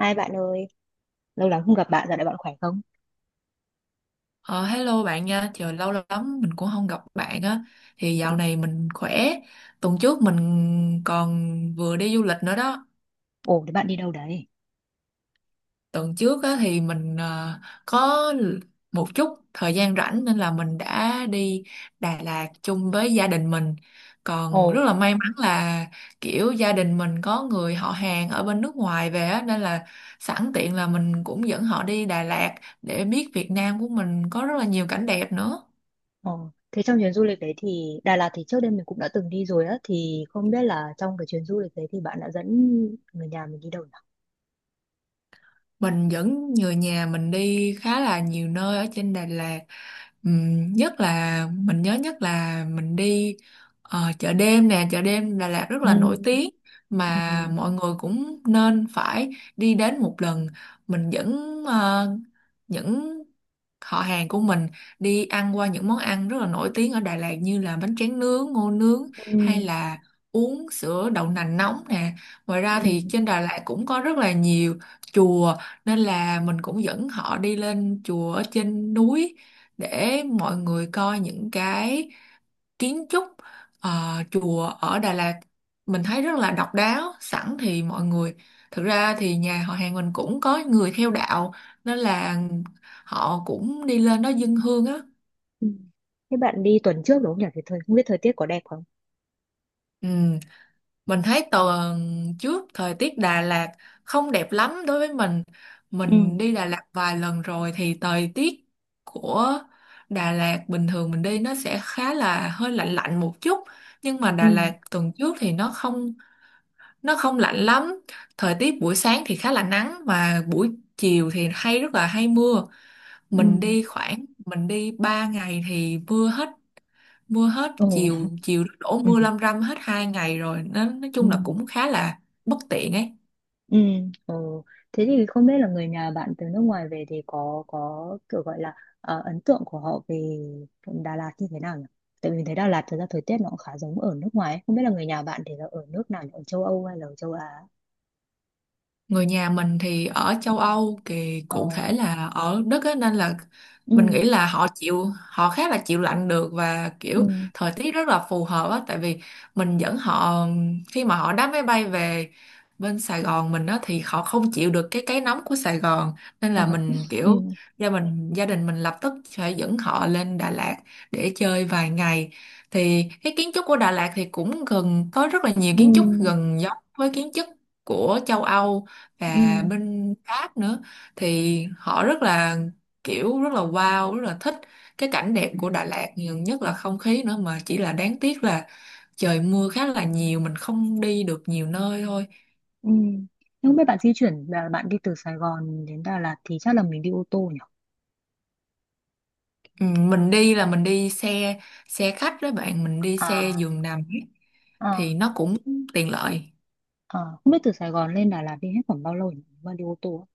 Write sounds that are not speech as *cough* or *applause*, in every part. Hai bạn ơi, lâu lắm không gặp bạn, dạo này bạn khỏe không? Ờ, hello bạn nha, trời lâu lắm mình cũng không gặp bạn á. Thì Ừ. dạo này mình khỏe. Tuần trước mình còn vừa đi du lịch nữa đó. Ồ, thế bạn đi đâu đấy? Tuần trước á, thì mình có một chút thời gian rảnh nên là mình đã đi Đà Lạt chung với gia đình mình. Ồ. Còn rất là may mắn là kiểu gia đình mình có người họ hàng ở bên nước ngoài về á, nên là sẵn tiện là mình cũng dẫn họ đi Đà Lạt để biết Việt Nam của mình có rất là nhiều cảnh đẹp nữa. Ồ, thế trong chuyến du lịch đấy thì Đà Lạt thì trước đây mình cũng đã từng đi rồi á, thì không biết là trong cái chuyến du lịch đấy thì bạn đã dẫn người nhà mình đi đâu nhỉ? Mình dẫn người nhà mình đi khá là nhiều nơi ở trên Đà Lạt. Nhất là mình nhớ nhất là mình đi chợ đêm nè, chợ đêm Đà Lạt rất Ừ, là nổi tiếng mà ừ, mọi người cũng nên phải đi đến một lần. Mình dẫn những họ hàng của mình đi ăn qua những món ăn rất là nổi tiếng ở Đà Lạt như là bánh tráng nướng, ngô nướng ừ, hay là uống sữa đậu nành nóng nè. Ngoài ra thì ừ, trên Đà Lạt cũng có rất là nhiều chùa nên là mình cũng dẫn họ đi lên chùa ở trên núi để mọi người coi những cái kiến trúc chùa ở Đà Lạt mình thấy rất là độc đáo. Sẵn thì mọi người, thực ra thì nhà họ hàng mình cũng có người theo đạo nên là họ cũng đi lên đó dâng hương á. ừ. Thế bạn đi tuần trước đúng không nhỉ? Thì thời không biết thời tiết có đẹp không? Ừ. Mình thấy tuần trước thời tiết Đà Lạt không đẹp lắm đối với mình. Mình Ừ, đi Đà Lạt vài lần rồi thì thời tiết của Đà Lạt bình thường mình đi nó sẽ khá là hơi lạnh lạnh một chút. Nhưng mà Đà ừ, Lạt tuần trước thì nó không lạnh lắm. Thời tiết buổi sáng thì khá là nắng và buổi chiều thì rất là hay mưa. ừ. Mình đi khoảng mình đi 3 ngày thì mưa hết Ồ, *laughs* chiều, chiều đổ ừ. mưa lâm râm hết 2 ngày rồi, nó nói Ừ. chung là cũng khá là bất tiện ấy. Ừ, ừ. Thế thì không biết là người nhà bạn từ nước ngoài về thì có kiểu gọi là ấn tượng của họ về Đà Lạt như thế nào nhỉ? Tại vì mình thấy Đà Lạt thực ra thời tiết nó cũng khá giống ở nước ngoài ấy. Không biết là người nhà bạn thì là ở nước nào nhỉ? Ở châu Âu hay là ở châu Á? Người nhà mình thì ở Ừ. châu Âu, thì Ờ, cụ thể là ở Đức á, nên là mình ừ, nghĩ là họ khá là chịu lạnh được và ừ, kiểu thời tiết rất là phù hợp á, tại vì mình dẫn họ khi mà họ đáp máy bay về bên Sài Gòn mình á thì họ không chịu được cái nóng của Sài Gòn, nên là mình *laughs* kiểu ừ, gia đình mình lập tức phải dẫn họ lên Đà Lạt để chơi vài ngày. Thì cái kiến trúc của Đà Lạt thì cũng gần có rất là nhiều ừ, kiến trúc gần giống với kiến trúc của châu Âu ừ, và bên Pháp nữa, thì họ rất là kiểu rất là wow, rất là thích cái cảnh đẹp của Đà Lạt, nhiều nhất là không khí nữa, mà chỉ là đáng tiếc là trời mưa khá là nhiều mình không đi được nhiều nơi thôi. ừ. Nhưng không biết bạn di chuyển là bạn đi từ Sài Gòn đến Đà Lạt thì chắc là mình đi ô tô nhỉ? Ừ, mình đi xe xe khách đó bạn, mình đi xe À, giường nằm ấy, à, thì nó cũng tiện lợi. à. Không biết từ Sài Gòn lên Đà Lạt đi hết khoảng bao lâu nhỉ? Mà đi ô tô á?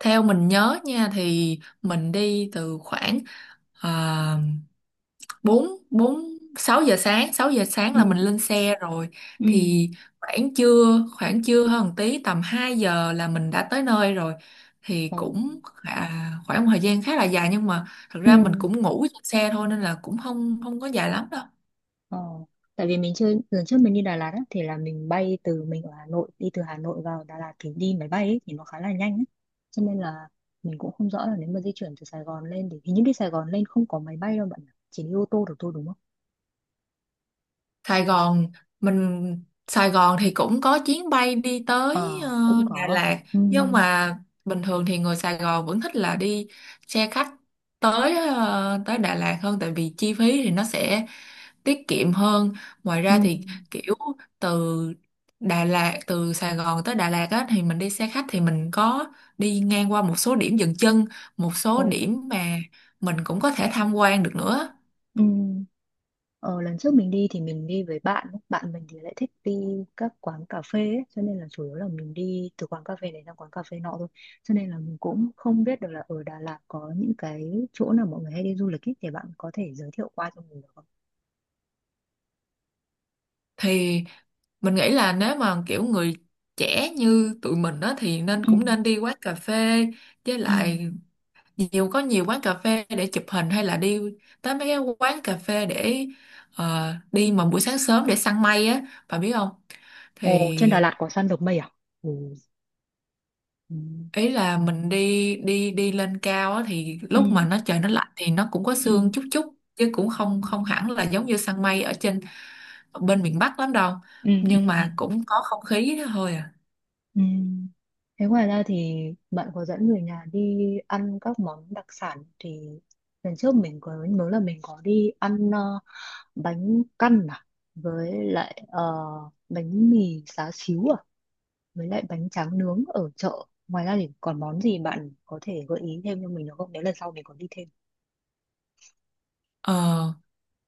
Theo mình nhớ nha thì mình đi từ khoảng à, bốn bốn 6 giờ sáng, Ừ. là mình lên xe rồi, Ừ thì khoảng trưa hơn một tí, tầm 2 giờ là mình đã tới nơi rồi, thì ừ. cũng khá, khoảng một thời gian khá là dài, nhưng mà thật Ừ. ra mình cũng ngủ trên xe thôi nên là cũng không không có dài lắm đâu. Ờ. Tại vì mình chưa lần trước mình đi Đà Lạt á, thì là mình bay từ mình ở Hà Nội đi từ Hà Nội vào Đà Lạt thì đi máy bay ấy, thì nó khá là nhanh ấy. Cho nên là mình cũng không rõ là nếu mà di chuyển từ Sài Gòn lên thì hình như đi Sài Gòn lên không có máy bay đâu bạn nhỉ? Chỉ đi ô tô được thôi đúng không? Sài Gòn Sài Gòn thì cũng có chuyến bay đi tới Ờ, cũng Đà có. Lạt, Ừ. nhưng mà bình thường thì người Sài Gòn vẫn thích là đi xe khách tới tới Đà Lạt hơn, tại vì chi phí thì nó sẽ tiết kiệm hơn. Ngoài Ừ. ra thì kiểu từ từ Sài Gòn tới Đà Lạt á thì mình đi xe khách thì mình có đi ngang qua một số điểm dừng chân, một Ồ, số điểm mà mình cũng có thể tham quan được nữa. ừ. Ờ, lần trước mình đi thì mình đi với bạn, bạn mình thì lại thích đi các quán cà phê ấy, cho nên là chủ yếu là mình đi từ quán cà phê này sang quán cà phê nọ thôi. Cho nên là mình cũng không biết được là ở Đà Lạt có những cái chỗ nào mọi người hay đi du lịch ấy, thì bạn có thể giới thiệu qua cho mình được không? Thì mình nghĩ là nếu mà kiểu người trẻ như tụi mình á thì nên, Ừ. cũng nên đi quán cà phê, với Ừ. lại có nhiều quán cà phê để chụp hình, hay là đi tới mấy cái quán cà phê để đi mà buổi sáng sớm để săn mây á, bà biết không. Ồ, trên Đà Thì Lạt có săn được mây à? Ồ, ừ. ý là mình đi đi đi lên cao á, thì lúc mà Ừ. Trời nó lạnh thì nó cũng có Ừ. sương chút chút, chứ cũng không Ừ. không hẳn là giống như săn mây ở trên bên miền Bắc lắm đâu, Ừ. nhưng Ừ. mà cũng có không khí thôi à. Ừ. Thế ngoài ra thì bạn có dẫn người nhà đi ăn các món đặc sản thì lần trước mình có nhớ là mình có đi ăn bánh căn à với lại bánh mì xá xíu à với lại bánh tráng nướng ở chợ ngoài ra thì còn món gì bạn có thể gợi ý thêm cho mình được không nếu lần sau mình có đi thêm. ờ,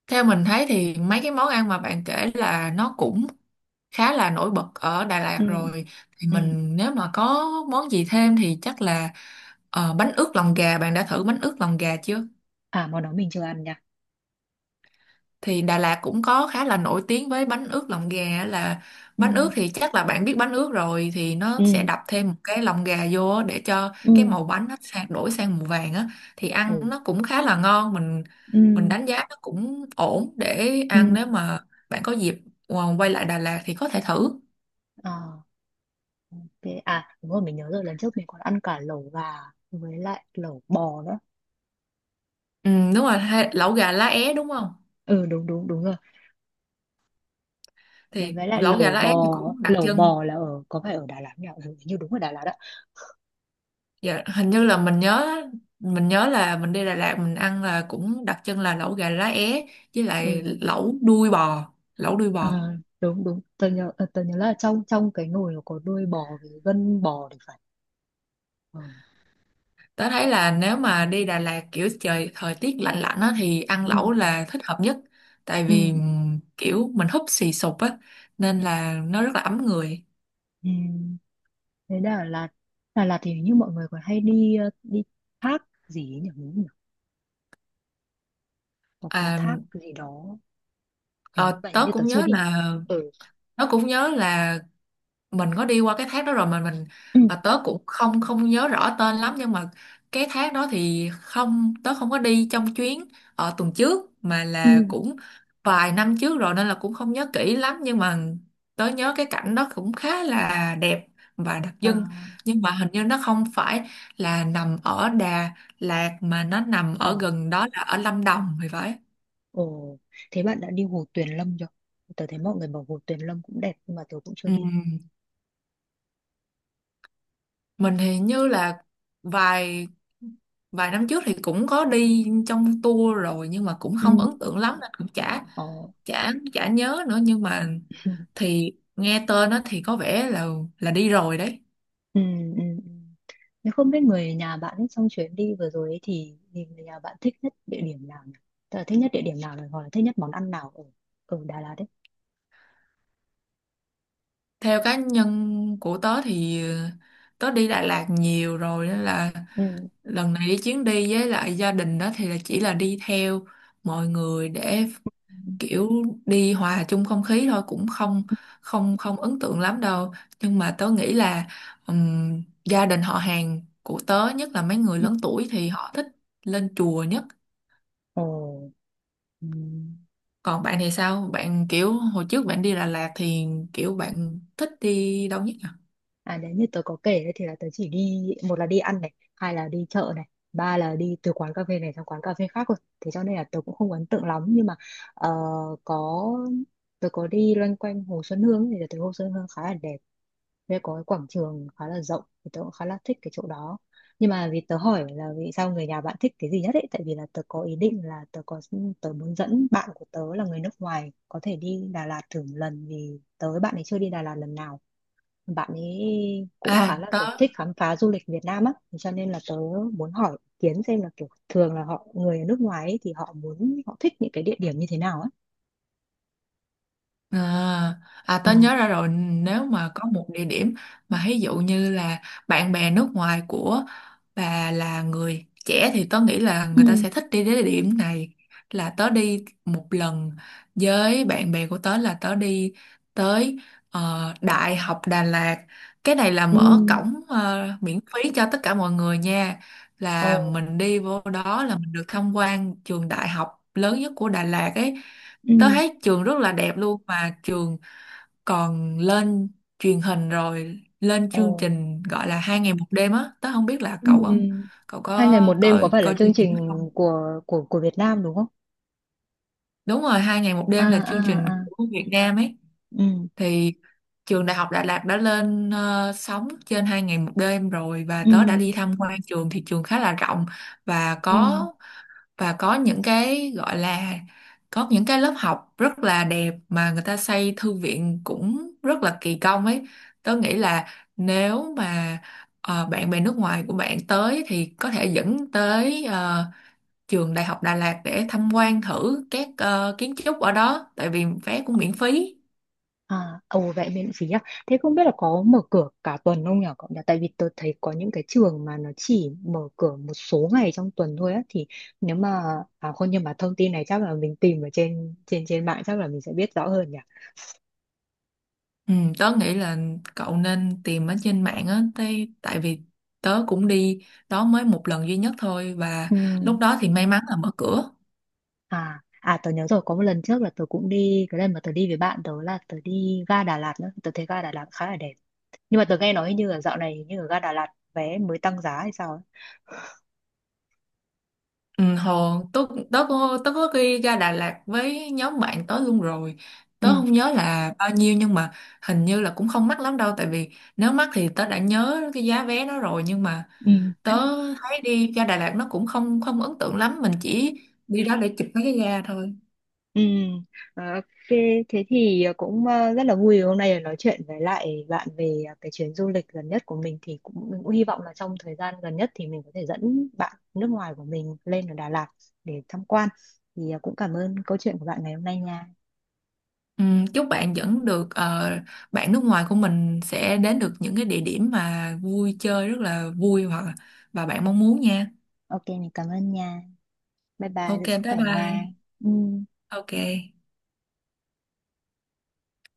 Theo mình thấy thì mấy cái món ăn mà bạn kể là nó cũng khá là nổi bật ở Đà Lạt Ừ. rồi, thì Ừ. mình nếu mà có món gì thêm thì chắc là bánh ướt lòng gà. Bạn đã thử bánh ướt lòng gà chưa? À, món đó mình chưa ăn nha. Thì Đà Lạt cũng có khá là nổi tiếng với bánh ướt lòng gà á, là Ừ. bánh ướt thì chắc là bạn biết bánh ướt rồi, thì nó Ừ. sẽ đập thêm một cái lòng gà vô á để cho cái Ừ. màu bánh nó đổi sang màu vàng á, thì ăn Ừ. nó cũng khá là ngon. Ừ. Mình đánh giá nó cũng ổn để Ừ. ăn, nếu mà bạn có dịp quay lại Đà Lạt thì có thể thử. Ừ. Ok. À đúng rồi mình nhớ rồi lần trước mình còn ăn cả lẩu gà với lại lẩu bò nữa. Ừ, đúng rồi, lẩu gà lá é đúng không? Ừ, đúng đúng đúng rồi. Đấy, Thì với lại lẩu gà lá é thì cũng đặc lẩu trưng. bò là ở có phải ở Đà Lạt nhỉ? Ừ, hình như đúng ở Đà Lạt đó. Dạ, hình như là mình nhớ là mình đi Đà Lạt mình ăn là cũng đặc trưng là lẩu gà lá é với lại Ừ. lẩu đuôi bò, lẩu đuôi À, bò. đúng đúng. Tớ nhớ tớ nhớ là trong trong cái nồi nó có đuôi bò với gân bò thì phải. Ừ. Tớ thấy là nếu mà đi Đà Lạt kiểu trời thời tiết lạnh lạnh á thì ăn Ừ. lẩu là thích hợp nhất, tại Ừ. vì kiểu mình húp xì sụp á, nên Ừ. là nó rất là ấm người. Ừ. Thế Đà Lạt, Đà Lạt thì hình như mọi người còn hay đi đi thác gì ấy nhỉ? Đúng không nhỉ? Có cái À, thác gì đó, ờ, hình tớ như tớ cũng chưa nhớ đi. là Ừ. tớ cũng nhớ là mình có đi qua cái thác đó rồi, mà Ừ. mà tớ cũng không không nhớ rõ tên lắm, nhưng mà cái thác đó thì không tớ không có đi trong chuyến ở tuần trước mà là Ừ. cũng vài năm trước rồi nên là cũng không nhớ kỹ lắm, nhưng mà tớ nhớ cái cảnh đó cũng khá là đẹp và đặc À. trưng, nhưng mà hình như nó không phải là nằm ở Đà Lạt mà nó nằm ở Ờ, gần đó, là ở Lâm Đồng thì phải. ồ, thế bạn đã đi Hồ Tuyền Lâm chưa? Tớ thấy mọi người bảo Hồ Tuyền Lâm cũng đẹp nhưng mà tớ cũng chưa Ừ. đi. Mình thì như là vài vài năm trước thì cũng có đi trong tour rồi nhưng mà cũng Ừ, không ấn tượng lắm nên cũng chả ờ, chả chả nhớ nữa, nhưng mà *laughs* thì nghe tên nó thì có vẻ là đi rồi đấy. ừ, ừ, ừ. Thế không biết người nhà bạn ấy trong chuyến đi vừa rồi ấy thì người nhà bạn thích nhất địa điểm nào nhỉ? Tớ là thích nhất địa điểm nào rồi, hoặc là thích nhất món ăn nào ở ở Đà Lạt đấy? Theo cá nhân của tớ thì tớ đi Đà Lạt nhiều rồi nên là Ừ. lần này đi chuyến đi với lại gia đình đó thì là chỉ là đi theo mọi người để Ừ. kiểu đi hòa chung không khí thôi, cũng không không không ấn tượng lắm đâu, nhưng mà tớ nghĩ là gia đình họ hàng của tớ, nhất là mấy người lớn tuổi thì họ thích lên chùa nhất. Ồ, ừ. Còn bạn thì sao, bạn kiểu hồi trước bạn đi Đà Lạt thì kiểu bạn thích đi đâu nhất nhỉ? À nếu như tớ có kể đấy thì là tớ chỉ đi một là đi ăn này, hai là đi chợ này, ba là đi từ quán cà phê này sang quán cà phê khác rồi. Thế cho nên là tớ cũng không ấn tượng lắm nhưng mà ờ, có tớ có đi loanh quanh Hồ Xuân Hương ấy, thì tớ thấy Hồ Xuân Hương khá là đẹp. Đây có cái quảng trường khá là rộng thì tớ cũng khá là thích cái chỗ đó. Nhưng mà vì tớ hỏi là vì sao người nhà bạn thích cái gì nhất ấy tại vì là tớ có ý định là tớ muốn dẫn bạn của tớ là người nước ngoài có thể đi Đà Lạt thử một lần vì tớ với bạn ấy chưa đi Đà Lạt lần nào, bạn ấy cũng à khá là tớ kiểu thích khám phá du lịch Việt Nam á, cho nên là tớ muốn hỏi ý kiến xem là kiểu thường là họ người ở nước ngoài ấy, thì họ muốn họ thích những cái địa điểm như thế nào á. à, À, Ừ. tớ nhớ ra rồi. Nếu mà có một địa điểm mà ví dụ như là bạn bè nước ngoài của bà là người trẻ thì tớ nghĩ là người ta Ừ. sẽ thích đi đến địa điểm này, là tớ đi một lần với bạn bè của tớ là tớ đi tới Đại học Đà Lạt. Cái này là Ừ. mở cổng miễn phí cho tất cả mọi người nha, Ồ. là mình đi vô đó là mình được tham quan trường đại học lớn nhất của Đà Lạt ấy. Tớ Ừ. thấy trường rất là đẹp luôn, mà trường còn lên truyền hình rồi, lên Ồ. chương trình gọi là Hai Ngày Một Đêm á, tớ không biết Ừ. là Ừ. Cậu Hai có ngày một đêm có coi phải là coi chương chương trình đó trình không. của Việt Nam đúng không? Đúng rồi, Hai Ngày Một À. Đêm là À. chương trình À. của Việt Nam ấy. Ừ. Thì trường Đại học Đà Lạt đã lên sóng trên Hai Ngày Một Đêm rồi, và Ừ. tớ đã đi tham quan trường thì trường khá là rộng và Ừ. có, những cái gọi là có những cái lớp học rất là đẹp, mà người ta xây thư viện cũng rất là kỳ công ấy. Tớ nghĩ là nếu mà bạn bè nước ngoài của bạn tới thì có thể dẫn tới trường Đại học Đà Lạt để tham quan thử các kiến trúc ở đó, tại vì vé cũng miễn phí. À, ồ vậy miễn phí à? Thế không biết là có mở cửa cả tuần không nhỉ cậu nhỉ? Tại vì tôi thấy có những cái trường mà nó chỉ mở cửa một số ngày trong tuần thôi á thì nếu mà à không nhưng mà thông tin này chắc là mình tìm ở trên trên trên mạng chắc là mình sẽ biết rõ hơn nhỉ. Ừ, tớ nghĩ là cậu nên tìm ở trên mạng á, tại tại vì tớ cũng đi đó mới một lần duy nhất thôi, và Ừ. lúc đó thì may mắn là mở cửa. À à tớ nhớ rồi có một lần trước là tớ cũng đi cái lần mà tớ đi với bạn tớ là tớ đi ga Đà Lạt nữa tớ thấy ga Đà Lạt khá là đẹp nhưng mà tớ nghe nói hình như là dạo này hình như ở ga Đà Lạt vé mới tăng giá hay sao ấy. Ừ, hồi tớ tớ có đi ra Đà Lạt với nhóm bạn tớ luôn rồi, tớ Ừ. không nhớ là bao nhiêu nhưng mà hình như là cũng không mắc lắm đâu, tại vì nếu mắc thì tớ đã nhớ cái giá vé đó rồi, nhưng mà Ừ. tớ thấy đi ra Đà Lạt nó cũng không không ấn tượng lắm, mình chỉ đi đó để chụp mấy cái ga thôi. Ừ, ờ, ok, thế thì cũng rất là vui hôm nay được nói chuyện với lại bạn về cái chuyến du lịch gần nhất của mình thì cũng mình cũng hy vọng là trong thời gian gần nhất thì mình có thể dẫn bạn nước ngoài của mình lên ở Đà Lạt để tham quan. Thì cũng cảm ơn câu chuyện của bạn ngày hôm nay nha. Ừ, chúc bạn vẫn được, bạn nước ngoài của mình sẽ đến được những cái địa điểm mà vui chơi rất là vui, và bạn mong muốn nha. Ok, mình cảm ơn nha. Bye bye, Ok, giữ sức bye khỏe nha. bye. Ừ. Ok.